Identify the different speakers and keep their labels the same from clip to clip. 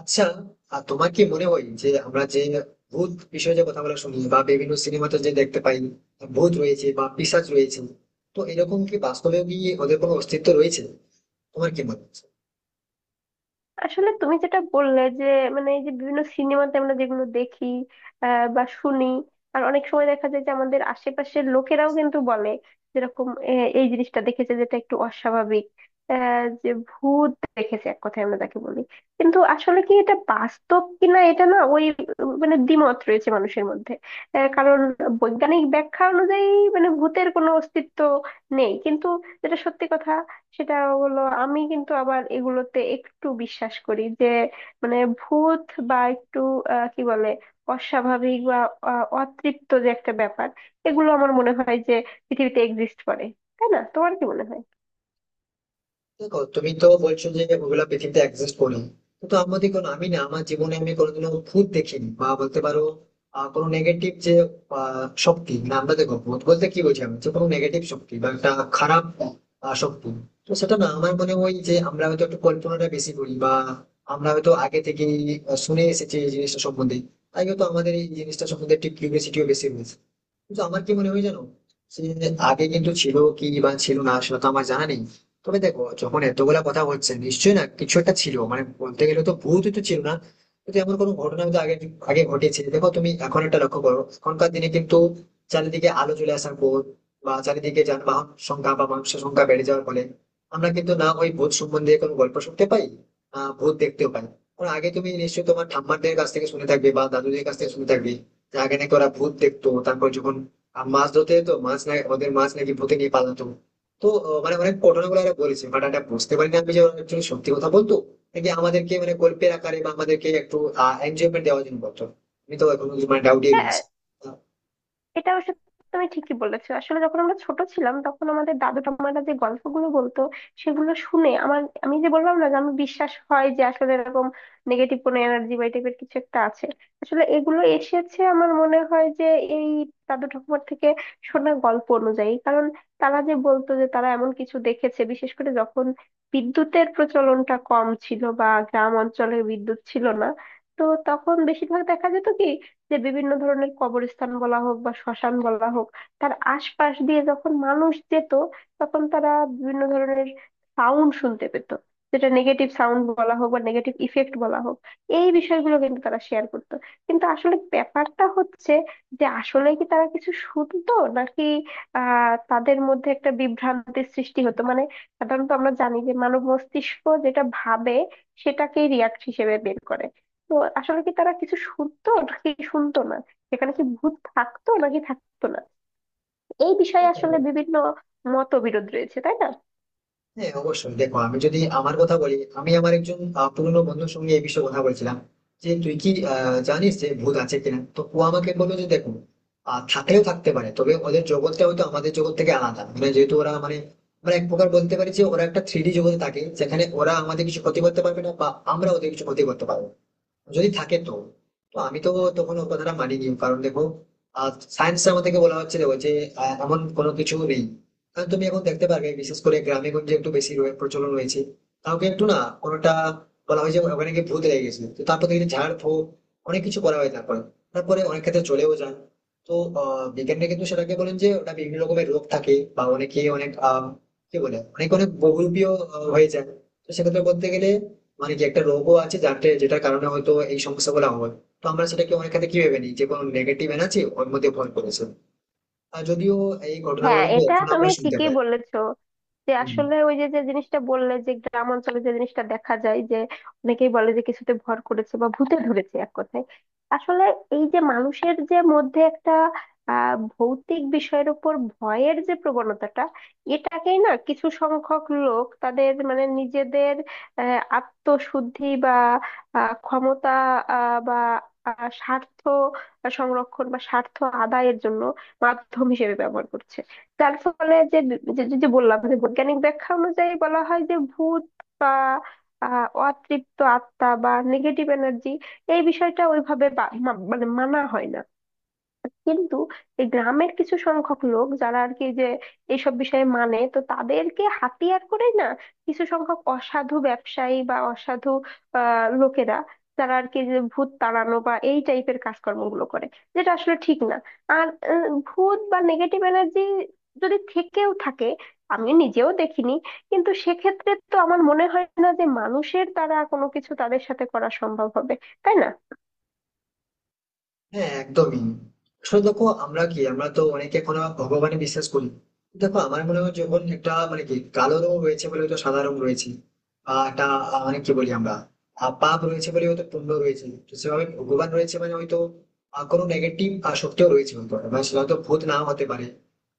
Speaker 1: আচ্ছা। আর তোমার কি মনে হয় যে আমরা যে ভূত বিষয়ে যে কথাগুলো শুনি বা বিভিন্ন সিনেমাতে যে দেখতে পাই, ভূত রয়েছে বা পিশাচ রয়েছে, তো এরকম কি বাস্তবেও কি ওদের কোনো অস্তিত্ব রয়েছে? তোমার কি মনে হয়?
Speaker 2: আসলে তুমি যেটা বললে যে, মানে এই যে বিভিন্ন সিনেমাতে আমরা যেগুলো দেখি বা শুনি। আর অনেক সময় দেখা যায় যে আমাদের আশেপাশের লোকেরাও কিন্তু বলে যেরকম এই জিনিসটা দেখেছে যেটা একটু অস্বাভাবিক, যে ভূত দেখেছে, এক কথায় আমরা তাকে বলি। কিন্তু আসলে কি এটা বাস্তব কিনা, এটা না ওই মানে দ্বিমত রয়েছে মানুষের মধ্যে। কারণ বৈজ্ঞানিক ব্যাখ্যা অনুযায়ী মানে ভূতের কোনো অস্তিত্ব নেই। কিন্তু যেটা সত্যি কথা সেটা হলো, আমি কিন্তু আবার এগুলোতে একটু বিশ্বাস করি যে মানে ভূত বা একটু কি বলে, অস্বাভাবিক বা অতৃপ্ত যে একটা ব্যাপার, এগুলো আমার মনে হয় যে পৃথিবীতে এক্সিস্ট করে। তাই না? তোমার কি মনে হয়?
Speaker 1: দেখো, তুমি তো বলছো যে ওগুলা পৃথিবীতে এক্সিস্ট করে, কিন্তু আমাদের কোনো আমি না আমার জীবনে আমি কোনোদিনও ভূত দেখিনি বা বলতে পারো কোনো নেগেটিভ যে শক্তি না, আমরা দেখো ভূত বলতে কি বলছি, আমি যে কোনো নেগেটিভ শক্তি বা একটা খারাপ শক্তি। তো সেটা না, আমার মনে হয় যে আমরা হয়তো একটু কল্পনাটা বেশি করি, বা আমরা হয়তো আগে থেকে শুনে এসেছি এই জিনিসটা সম্বন্ধে, তাই হয়তো আমাদের এই জিনিসটা সম্বন্ধে একটু কিউরিয়াসিটিও বেশি রয়েছে। কিন্তু আমার কি মনে হয় জানো, সে আগে কিন্তু ছিল কি বা ছিল না সেটা তো আমার জানা নেই। তবে দেখো, যখন এতগুলা কথা হচ্ছে নিশ্চয়ই না কিছু একটা ছিল, মানে বলতে গেলে তো ভূত তো ছিল না, কিন্তু এমন কোনো ঘটনা তো আগে আগে ঘটেছে। দেখো তুমি এখন একটা লক্ষ্য করো, এখনকার দিনে কিন্তু চারিদিকে আলো চলে আসার পর বা চারিদিকে যানবাহন সংখ্যা বা মানুষের সংখ্যা বেড়ে যাওয়ার ফলে আমরা কিন্তু না ওই ভূত সম্বন্ধে কোনো গল্প শুনতে পাই, না ভূত দেখতেও পাই। কারণ আগে তুমি নিশ্চয়ই তোমার ঠাম্মাদের কাছ থেকে শুনে থাকবে বা দাদুদের কাছ থেকে শুনে থাকবে যে আগে নাকি ওরা ভূত দেখতো, তারপর যখন মাছ ধরতে যেত, মাছ না ওদের মাছ নাকি ভূতে নিয়ে পালাতো। তো মানে অনেক ঘটনাগুলো এরা বলেছে, বাট এটা বুঝতে পারিনি আমি যে ওরা actually সত্যি কথা বলতো নাকি আমাদেরকে মানে গল্পের আকারে বা আমাদেরকে একটু এনজয়মেন্ট দেওয়ার জন্য বলতো। আমি তো এখন মানে ডাউটই
Speaker 2: হ্যাঁ,
Speaker 1: রয়েছি। আহ,
Speaker 2: এটা অবশ্য তুমি ঠিকই বলেছো। আসলে যখন আমরা ছোট ছিলাম তখন আমাদের দাদু ঠাম্মারা যে গল্পগুলো বলতো সেগুলো শুনে আমার, আমি যে বললাম না যে আমি বিশ্বাস হয় যে আসলে এরকম নেগেটিভ কোনো এনার্জি বা এই টাইপের কিছু একটা আছে। আসলে এগুলো এসেছে আমার মনে হয় যে এই দাদু ঠাকুমার থেকে শোনা গল্প অনুযায়ী। কারণ তারা যে বলতো যে তারা এমন কিছু দেখেছে, বিশেষ করে যখন বিদ্যুতের প্রচলনটা কম ছিল বা গ্রাম অঞ্চলে বিদ্যুৎ ছিল না, তো তখন বেশিরভাগ দেখা যেত কি, যে বিভিন্ন ধরনের কবরস্থান বলা হোক বা শ্মশান বলা হোক, তার আশপাশ দিয়ে যখন মানুষ যেত তখন তারা বিভিন্ন ধরনের সাউন্ড শুনতে পেত, যেটা নেগেটিভ সাউন্ড বলা হোক বা নেগেটিভ ইফেক্ট বলা হোক। এই বিষয়গুলো কিন্তু তারা শেয়ার করতো। কিন্তু আসলে ব্যাপারটা হচ্ছে যে আসলে কি তারা কিছু শুনতো, নাকি তাদের মধ্যে একটা বিভ্রান্তির সৃষ্টি হতো, মানে সাধারণত আমরা জানি যে মানব মস্তিষ্ক যেটা ভাবে সেটাকেই রিয়াক্ট হিসেবে বের করে। তো আসলে কি তারা কিছু শুনতো নাকি শুনতো না, সেখানে কি ভূত থাকতো নাকি থাকতো না, এই বিষয়ে
Speaker 1: দেখো,
Speaker 2: আসলে বিভিন্ন মতবিরোধ রয়েছে। তাই না?
Speaker 1: হ্যাঁ অবশ্যই। দেখো আমি যদি আমার কথা বলি, আমি আমার একজন পুরনো বন্ধুর সঙ্গে এই বিষয়ে কথা বলছিলাম যে তুই কি জানিস যে ভূত আছে কিনা। তো ও আমাকে বললো যে দেখো, থাকলেও থাকতে পারে, তবে ওদের জগৎটা হয়তো আমাদের জগৎ থেকে আলাদা, মানে যেহেতু ওরা মানে আমরা এক প্রকার বলতে পারি যে ওরা একটা থ্রি ডি জগতে থাকে, যেখানে ওরা আমাদের কিছু ক্ষতি করতে পারবে না বা আমরা ওদের কিছু ক্ষতি করতে পারবো না, যদি থাকে তো। তো আমি তো তখন ওর কথাটা মানিনি, কারণ দেখো সায়েন্সের আমাদেরকে বলা হচ্ছিল যে এমন কোনো কিছু নেই। কারণ তুমি এখন দেখতে পারবে, বিশেষ করে গ্রামে গঞ্জে একটু বেশি প্রচলন রয়েছে। কাউকে একটু না কোনোটা বলা হয় যে ওখানে গিয়ে ভূত লেগে গেছে, তো তারপর দেখি ঝাড় ফুঁক অনেক কিছু করা হয়, তারপরে তারপরে অনেক ক্ষেত্রে চলেও যান। তো আহ, বিজ্ঞানীরা কিন্তু সেটাকে বলেন যে ওটা বিভিন্ন রকমের রোগ থাকে, বা অনেকে অনেক কি বলে, অনেক অনেক বহুরূপীয় হয়ে যায়। তো সেক্ষেত্রে বলতে গেলে মানে যে একটা রোগও আছে যাতে যেটার কারণে হয়তো এই সমস্যাগুলো হয়, তো আমরা সেটাকে অনেক ক্ষেত্রে কি ভেবে নিই যে কোনো নেগেটিভ এনার্জি ওর মধ্যে ভর করেছে। আর যদিও এই ঘটনাগুলো
Speaker 2: হ্যাঁ,
Speaker 1: কিন্তু
Speaker 2: এটা
Speaker 1: এখন
Speaker 2: তুমি
Speaker 1: আমরা শুনতে
Speaker 2: ঠিকই
Speaker 1: পাই।
Speaker 2: বলেছো। যে
Speaker 1: হম।
Speaker 2: আসলে ওই যে যে জিনিসটা বললে যে গ্রাম অঞ্চলে যে জিনিসটা দেখা যায়, যে অনেকেই বলে যে কিছুতে ভর করেছে বা ভূতে ধরেছে, এক কথায় আসলে এই যে মানুষের যে মধ্যে একটা ভৌতিক বিষয়ের উপর ভয়ের যে প্রবণতাটা, এটাকেই না কিছু সংখ্যক লোক তাদের মানে নিজেদের আত্মশুদ্ধি বা ক্ষমতা বা স্বার্থ সংরক্ষণ বা স্বার্থ আদায়ের জন্য মাধ্যম হিসেবে ব্যবহার করছে। যার ফলে যে বললাম যে বৈজ্ঞানিক ব্যাখ্যা অনুযায়ী বলা হয় যে ভূত বা অতৃপ্ত আত্মা বা নেগেটিভ এনার্জি, এই বিষয়টা ওইভাবে মানে মানা হয় না। কিন্তু এই গ্রামের কিছু সংখ্যক লোক যারা আর কি যে এইসব বিষয়ে মানে, তো তাদেরকে হাতিয়ার করে না কিছু সংখ্যক অসাধু ব্যবসায়ী বা অসাধু আহ লোকেরা, যারা আর কি যে ভূত তাড়ানো বা এই টাইপের কাজকর্মগুলো করে, যেটা আসলে ঠিক না। আর ভূত বা নেগেটিভ এনার্জি যদি থেকেও থাকে, আমি নিজেও দেখিনি, কিন্তু সেক্ষেত্রে তো আমার মনে হয় না যে মানুষের দ্বারা কোনো কিছু তাদের সাথে করা সম্ভব হবে। তাই না?
Speaker 1: হ্যাঁ, একদমই। আসলে দেখো, আমরা কি আমরা তো অনেকে এখনো ভগবানে বিশ্বাস করি। দেখো আমার মনে হয়, যখন একটা মানে কি কালো রং রয়েছে বলে হয়তো সাদা রং রয়েছে, বা একটা মানে কি বলি আমরা, পাপ রয়েছে বলে হয়তো পুণ্য রয়েছে, তো সেভাবে ভগবান রয়েছে মানে হয়তো কোনো নেগেটিভ শক্তিও রয়েছে। হয়তো এবার সেটা হয়তো ভূত নাও হতে পারে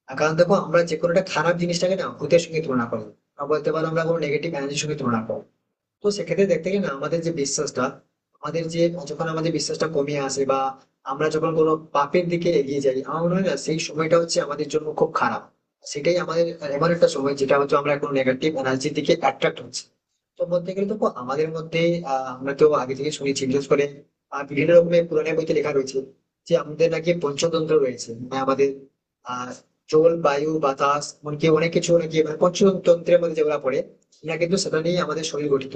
Speaker 1: আর, কারণ দেখো আমরা যে কোনো একটা খারাপ জিনিসটাকে না ভূতের সঙ্গে তুলনা করবো, বা বলতে পারো আমরা কোনো নেগেটিভ এনার্জির সঙ্গে তুলনা করবো। তো সেক্ষেত্রে দেখতে গেলে না আমাদের যে বিশ্বাসটা, আমাদের যে, যখন আমাদের বিশ্বাসটা কমিয়ে আসে বা আমরা যখন কোনো পাপের দিকে এগিয়ে যাই, আমার মনে হয় না সেই সময়টা হচ্ছে আমাদের জন্য খুব খারাপ। সেটাই আমাদের এমন একটা সময় যেটা হচ্ছে আমরা কোনো নেগেটিভ এনার্জির দিকে অ্যাট্রাক্ট হচ্ছি। তো বলতে গেলে দেখো আমাদের মধ্যে আহ আমরা তো আগে থেকে শুনেছি, বিশেষ করে বিভিন্ন রকমের পুরাণের বইতে লেখা রয়েছে যে আমাদের নাকি পঞ্চতন্ত্র রয়েছে, মানে আমাদের আহ জল বায়ু বাতাস এমনকি অনেক কিছু নাকি মানে পঞ্চতন্ত্রের মধ্যে যেগুলো পড়ে, এরা কিন্তু সেটা নিয়ে আমাদের শরীর গঠিত।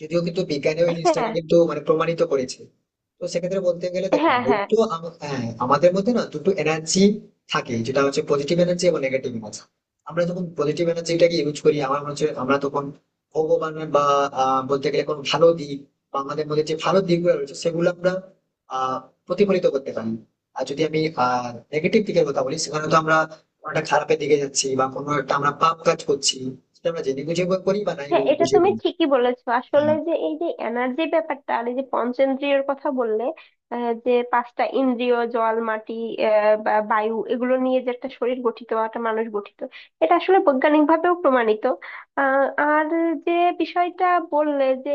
Speaker 1: যদিও কিন্তু বিজ্ঞানে ওই জিনিসটাকে
Speaker 2: হ্যাঁ,
Speaker 1: কিন্তু মানে প্রমাণিত করেছে। তো সেক্ষেত্রে বলতে গেলে দেখুন,
Speaker 2: হ্যাঁ, হ্যাঁ,
Speaker 1: হ্যাঁ, আমাদের মধ্যে না দুটো এনার্জি থাকে যেটা হচ্ছে পজিটিভ এনার্জি এবং নেগেটিভ এনার্জি। আমরা যখন পজিটিভ এনার্জিটাকে ইউজ করি, আমার মনে হচ্ছে আমরা তখন ভগবান বা বলতে গেলে কোনো ভালো দিক, বা আমাদের মধ্যে যে ভালো দিকগুলো রয়েছে সেগুলো আমরা আহ প্রতিফলিত করতে পারি। আর যদি আমি নেগেটিভ দিকের কথা বলি, সেখানে তো আমরা কোনো একটা খারাপের দিকে যাচ্ছি বা কোনো একটা আমরা পাপ কাজ করছি, সেটা আমরা জেনে বুঝে করি বা নাই
Speaker 2: হ্যাঁ, এটা
Speaker 1: বুঝে
Speaker 2: তুমি
Speaker 1: করি।
Speaker 2: ঠিকই বলেছো। আসলে
Speaker 1: হ্যাঁ,
Speaker 2: যে এই যে এনার্জি ব্যাপারটা আর এই যে পঞ্চেন্দ্রিয়র কথা বললে, যে পাঁচটা ইন্দ্রিয় জল মাটি বা বায়ু, এগুলো নিয়ে যে একটা শরীর গঠিত বা একটা মানুষ গঠিত, এটা আসলে বৈজ্ঞানিক ভাবেও প্রমাণিত। আর যে বিষয়টা বললে যে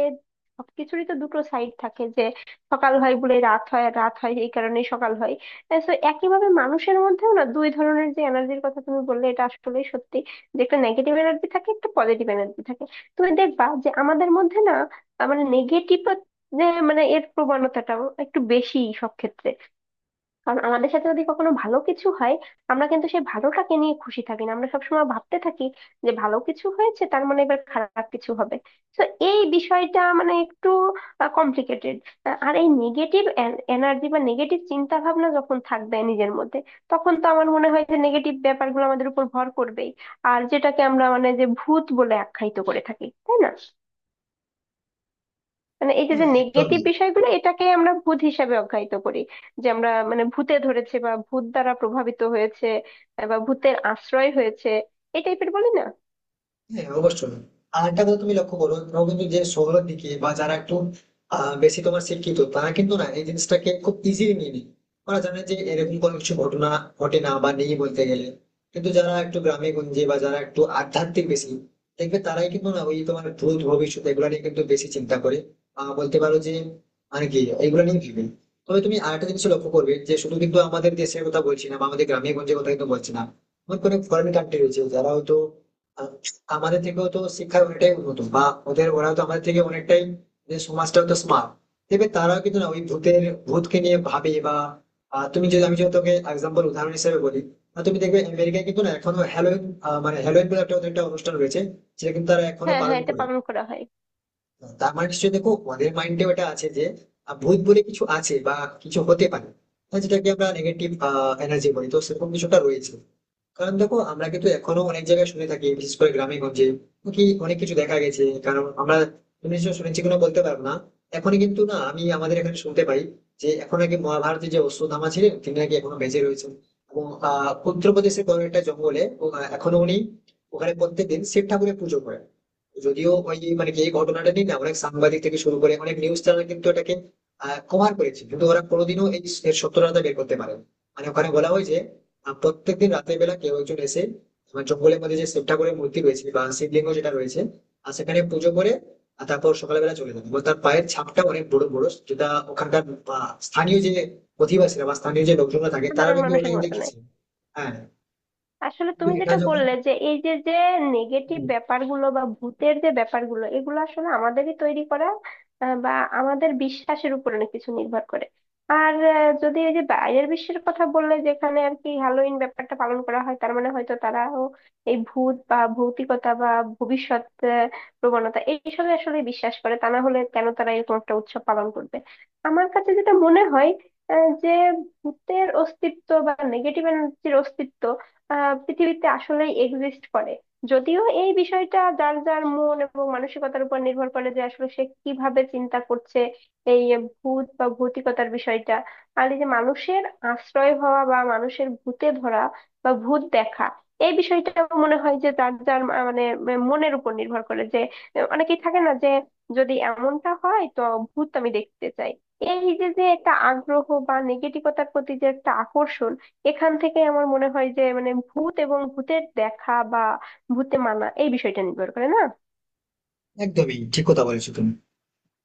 Speaker 2: সবকিছুরই তো দুটো সাইড থাকে, যে সকাল হয় বলে রাত হয় আর রাত হয় এই কারণেই সকাল হয়। তো একইভাবে মানুষের মধ্যেও না দুই ধরনের যে এনার্জির কথা তুমি বললে, এটা আসলে সত্যি যে একটা নেগেটিভ এনার্জি থাকে, একটা পজিটিভ এনার্জি থাকে। তুমি দেখবা যে আমাদের মধ্যে না মানে নেগেটিভ যে মানে এর প্রবণতাটা একটু বেশি সব ক্ষেত্রে। কারণ আমাদের সাথে যদি কখনো ভালো কিছু হয়, আমরা কিন্তু সেই ভালোটাকে নিয়ে খুশি থাকি না, আমরা সবসময় ভাবতে থাকি যে ভালো কিছু হয়েছে তার মানে এবার খারাপ কিছু হবে। তো এই বিষয়টা মানে একটু কমপ্লিকেটেড। আর এই নেগেটিভ এনার্জি বা নেগেটিভ চিন্তা ভাবনা যখন থাকবে নিজের মধ্যে, তখন তো আমার মনে হয় যে নেগেটিভ ব্যাপারগুলো আমাদের উপর ভর করবেই। আর যেটাকে আমরা মানে যে ভূত বলে আখ্যায়িত করে থাকি, তাই না? মানে এই যে
Speaker 1: হ্যাঁ,
Speaker 2: যে
Speaker 1: একদমই।
Speaker 2: নেগেটিভ বিষয়গুলো এটাকে আমরা ভূত হিসাবে অখ্যায়িত করি। যে আমরা মানে ভূতে ধরেছে বা ভূত দ্বারা প্রভাবিত হয়েছে বা ভূতের আশ্রয় হয়েছে, এই টাইপের বলি না।
Speaker 1: হ্যাঁ, অবশ্যই। আর একটা কথা তুমি লক্ষ্য করো, ধরো কিন্তু যে শহরের দিকে বা যারা একটু বেশি তোমার শিক্ষিত তারা কিন্তু না এই জিনিসটাকে খুব ইজিলি নিয়ে নেয়। ওরা জানে যে এরকম কোনো কিছু ঘটনা ঘটে না বা নেই বলতে গেলে। কিন্তু যারা একটু গ্রামে গঞ্জে বা যারা একটু আধ্যাত্মিক বেশি, দেখবে তারাই কিন্তু না ওই তোমার ভূত ভবিষ্যৎ এগুলো নিয়ে কিন্তু বেশি চিন্তা করে। আহ, বলতে পারো যে মানে কি এগুলো নিয়ে ভেবে। তবে তুমি আরেকটা জিনিস লক্ষ্য করবে যে শুধু কিন্তু আমাদের দেশের কথা বলছি না বা আমাদের গ্রামে গঞ্জের কথা কিন্তু বলছি না, এমন কোনো ফরেন কান্ট্রি রয়েছে যারা হয়তো আমাদের থেকেও তো শিক্ষায় অনেকটাই উন্নত, বা ওদের ওরাও তো আমাদের থেকে অনেকটাই, যে সমাজটাও তো স্মার্ট, দেখবে তারাও কিন্তু না ওই ভূতকে নিয়ে ভাবে বা, আহ, তুমি যদি আমি যদি তোকে এক্সাম্পল উদাহরণ হিসেবে বলি, তুমি দেখবে আমেরিকায় কিন্তু না এখনো হ্যালোইন, মানে হ্যালোইন বলে একটা ওদের একটা অনুষ্ঠান রয়েছে, সেটা কিন্তু তারা এখনো
Speaker 2: হ্যাঁ,
Speaker 1: পালন
Speaker 2: হ্যাঁ, এটা
Speaker 1: করে।
Speaker 2: পালন করা হয়।
Speaker 1: তার মানে নিশ্চয়ই দেখো ওদের মাইন্ডে ওটা আছে যে ভূত বলে কিছু আছে বা কিছু হতে পারে। হ্যাঁ, যেটাকে আমরা নেগেটিভ এনার্জি বলি, তো সেরকম কিছুটা রয়েছে। কারণ দেখো আমরা কিন্তু এখনো অনেক জায়গায় শুনে থাকি, বিশেষ করে গ্রামে গঞ্জে কি অনেক কিছু দেখা গেছে। কারণ আমরা, তুমি নিশ্চয় শুনেছি কিনা বলতে পারবো না, এখন কিন্তু না আমি আমাদের এখানে শুনতে পাই যে এখন নাকি মহাভারতের যে অশ্বত্থামা ছিলেন তিনি নাকি এখনো বেঁচে রয়েছেন, এবং আহ, উত্তরপ্রদেশের কোনো একটা জঙ্গলে এখনো উনি ওখানে প্রত্যেকদিন শিব ঠাকুরের পুজো করেন। যদিও ওই মানে কি এই ঘটনাটা নিয়ে না অনেক সাংবাদিক থেকে শুরু করে অনেক নিউজ চ্যানেল কিন্তু এটাকে কভার করেছে, কিন্তু ওরা কোনোদিনও এই এর সত্যতা বের করতে পারেন। মানে ওখানে বলা হয় যে প্রত্যেকদিন রাতের বেলা কেউ একজন এসে আমার জঙ্গলের মধ্যে যে শিবঠাকুরের মূর্তি রয়েছে বা শিবলিঙ্গ যেটা রয়েছে, আর সেখানে পুজো করে, আর তারপর সকালবেলা চলে যাবে। এবং তার পায়ের ছাপটা অনেক বড় বড়, যেটা ওখানকার স্থানীয় যে অধিবাসীরা বা স্থানীয় যে লোকজনরা থাকে তারা
Speaker 2: সাধারণ
Speaker 1: নাকি
Speaker 2: মানুষের
Speaker 1: অনেক
Speaker 2: মতো নয়।
Speaker 1: দেখেছে। হ্যাঁ,
Speaker 2: আসলে
Speaker 1: কিন্তু
Speaker 2: তুমি
Speaker 1: এটা
Speaker 2: যেটা
Speaker 1: যখন,
Speaker 2: বললে যে এই যে যে নেগেটিভ ব্যাপারগুলো বা ভূতের যে ব্যাপারগুলো, এগুলো আসলে আমাদেরই তৈরি করা বা আমাদের বিশ্বাসের উপর অনেক কিছু নির্ভর করে। আর যদি এই যে বাইরের বিশ্বের কথা বললে যেখানে আর কি হ্যালোইন ব্যাপারটা পালন করা হয়, তার মানে হয়তো তারাও এই ভূত বা ভৌতিকতা বা ভবিষ্যৎ আহ, প্রবণতা এইসবে আসলে বিশ্বাস করে, তা না হলে কেন তারা এরকম একটা উৎসব পালন করবে? আমার কাছে যেটা মনে হয়, যে ভূতের অস্তিত্ব বা নেগেটিভ এনার্জির অস্তিত্ব পৃথিবীতে আসলেই এক্সিস্ট করে। যদিও এই বিষয়টা যার যার মন এবং মানসিকতার উপর নির্ভর করে যে আসলে সে কিভাবে চিন্তা করছে এই ভূত বা ভৌতিকতার বিষয়টা। আর এই যে মানুষের আশ্রয় হওয়া বা মানুষের ভূতে ধরা বা ভূত দেখা এই বিষয়টা মনে হয় যে যার যার মানে মনের উপর নির্ভর করে, যে অনেকেই থাকে না, যে যদি এমনটা হয় তো ভূত আমি দেখতে চাই। এই যে যে একটা আগ্রহ বা নেগেটিভতার প্রতি যে একটা আকর্ষণ, এখান থেকে আমার মনে হয় যে মানে ভূত এবং ভূতের দেখা বা ভূতে মানা, এই বিষয়টা নির্ভর করে না।
Speaker 1: একদমই ঠিক কথা বলেছো তুমি।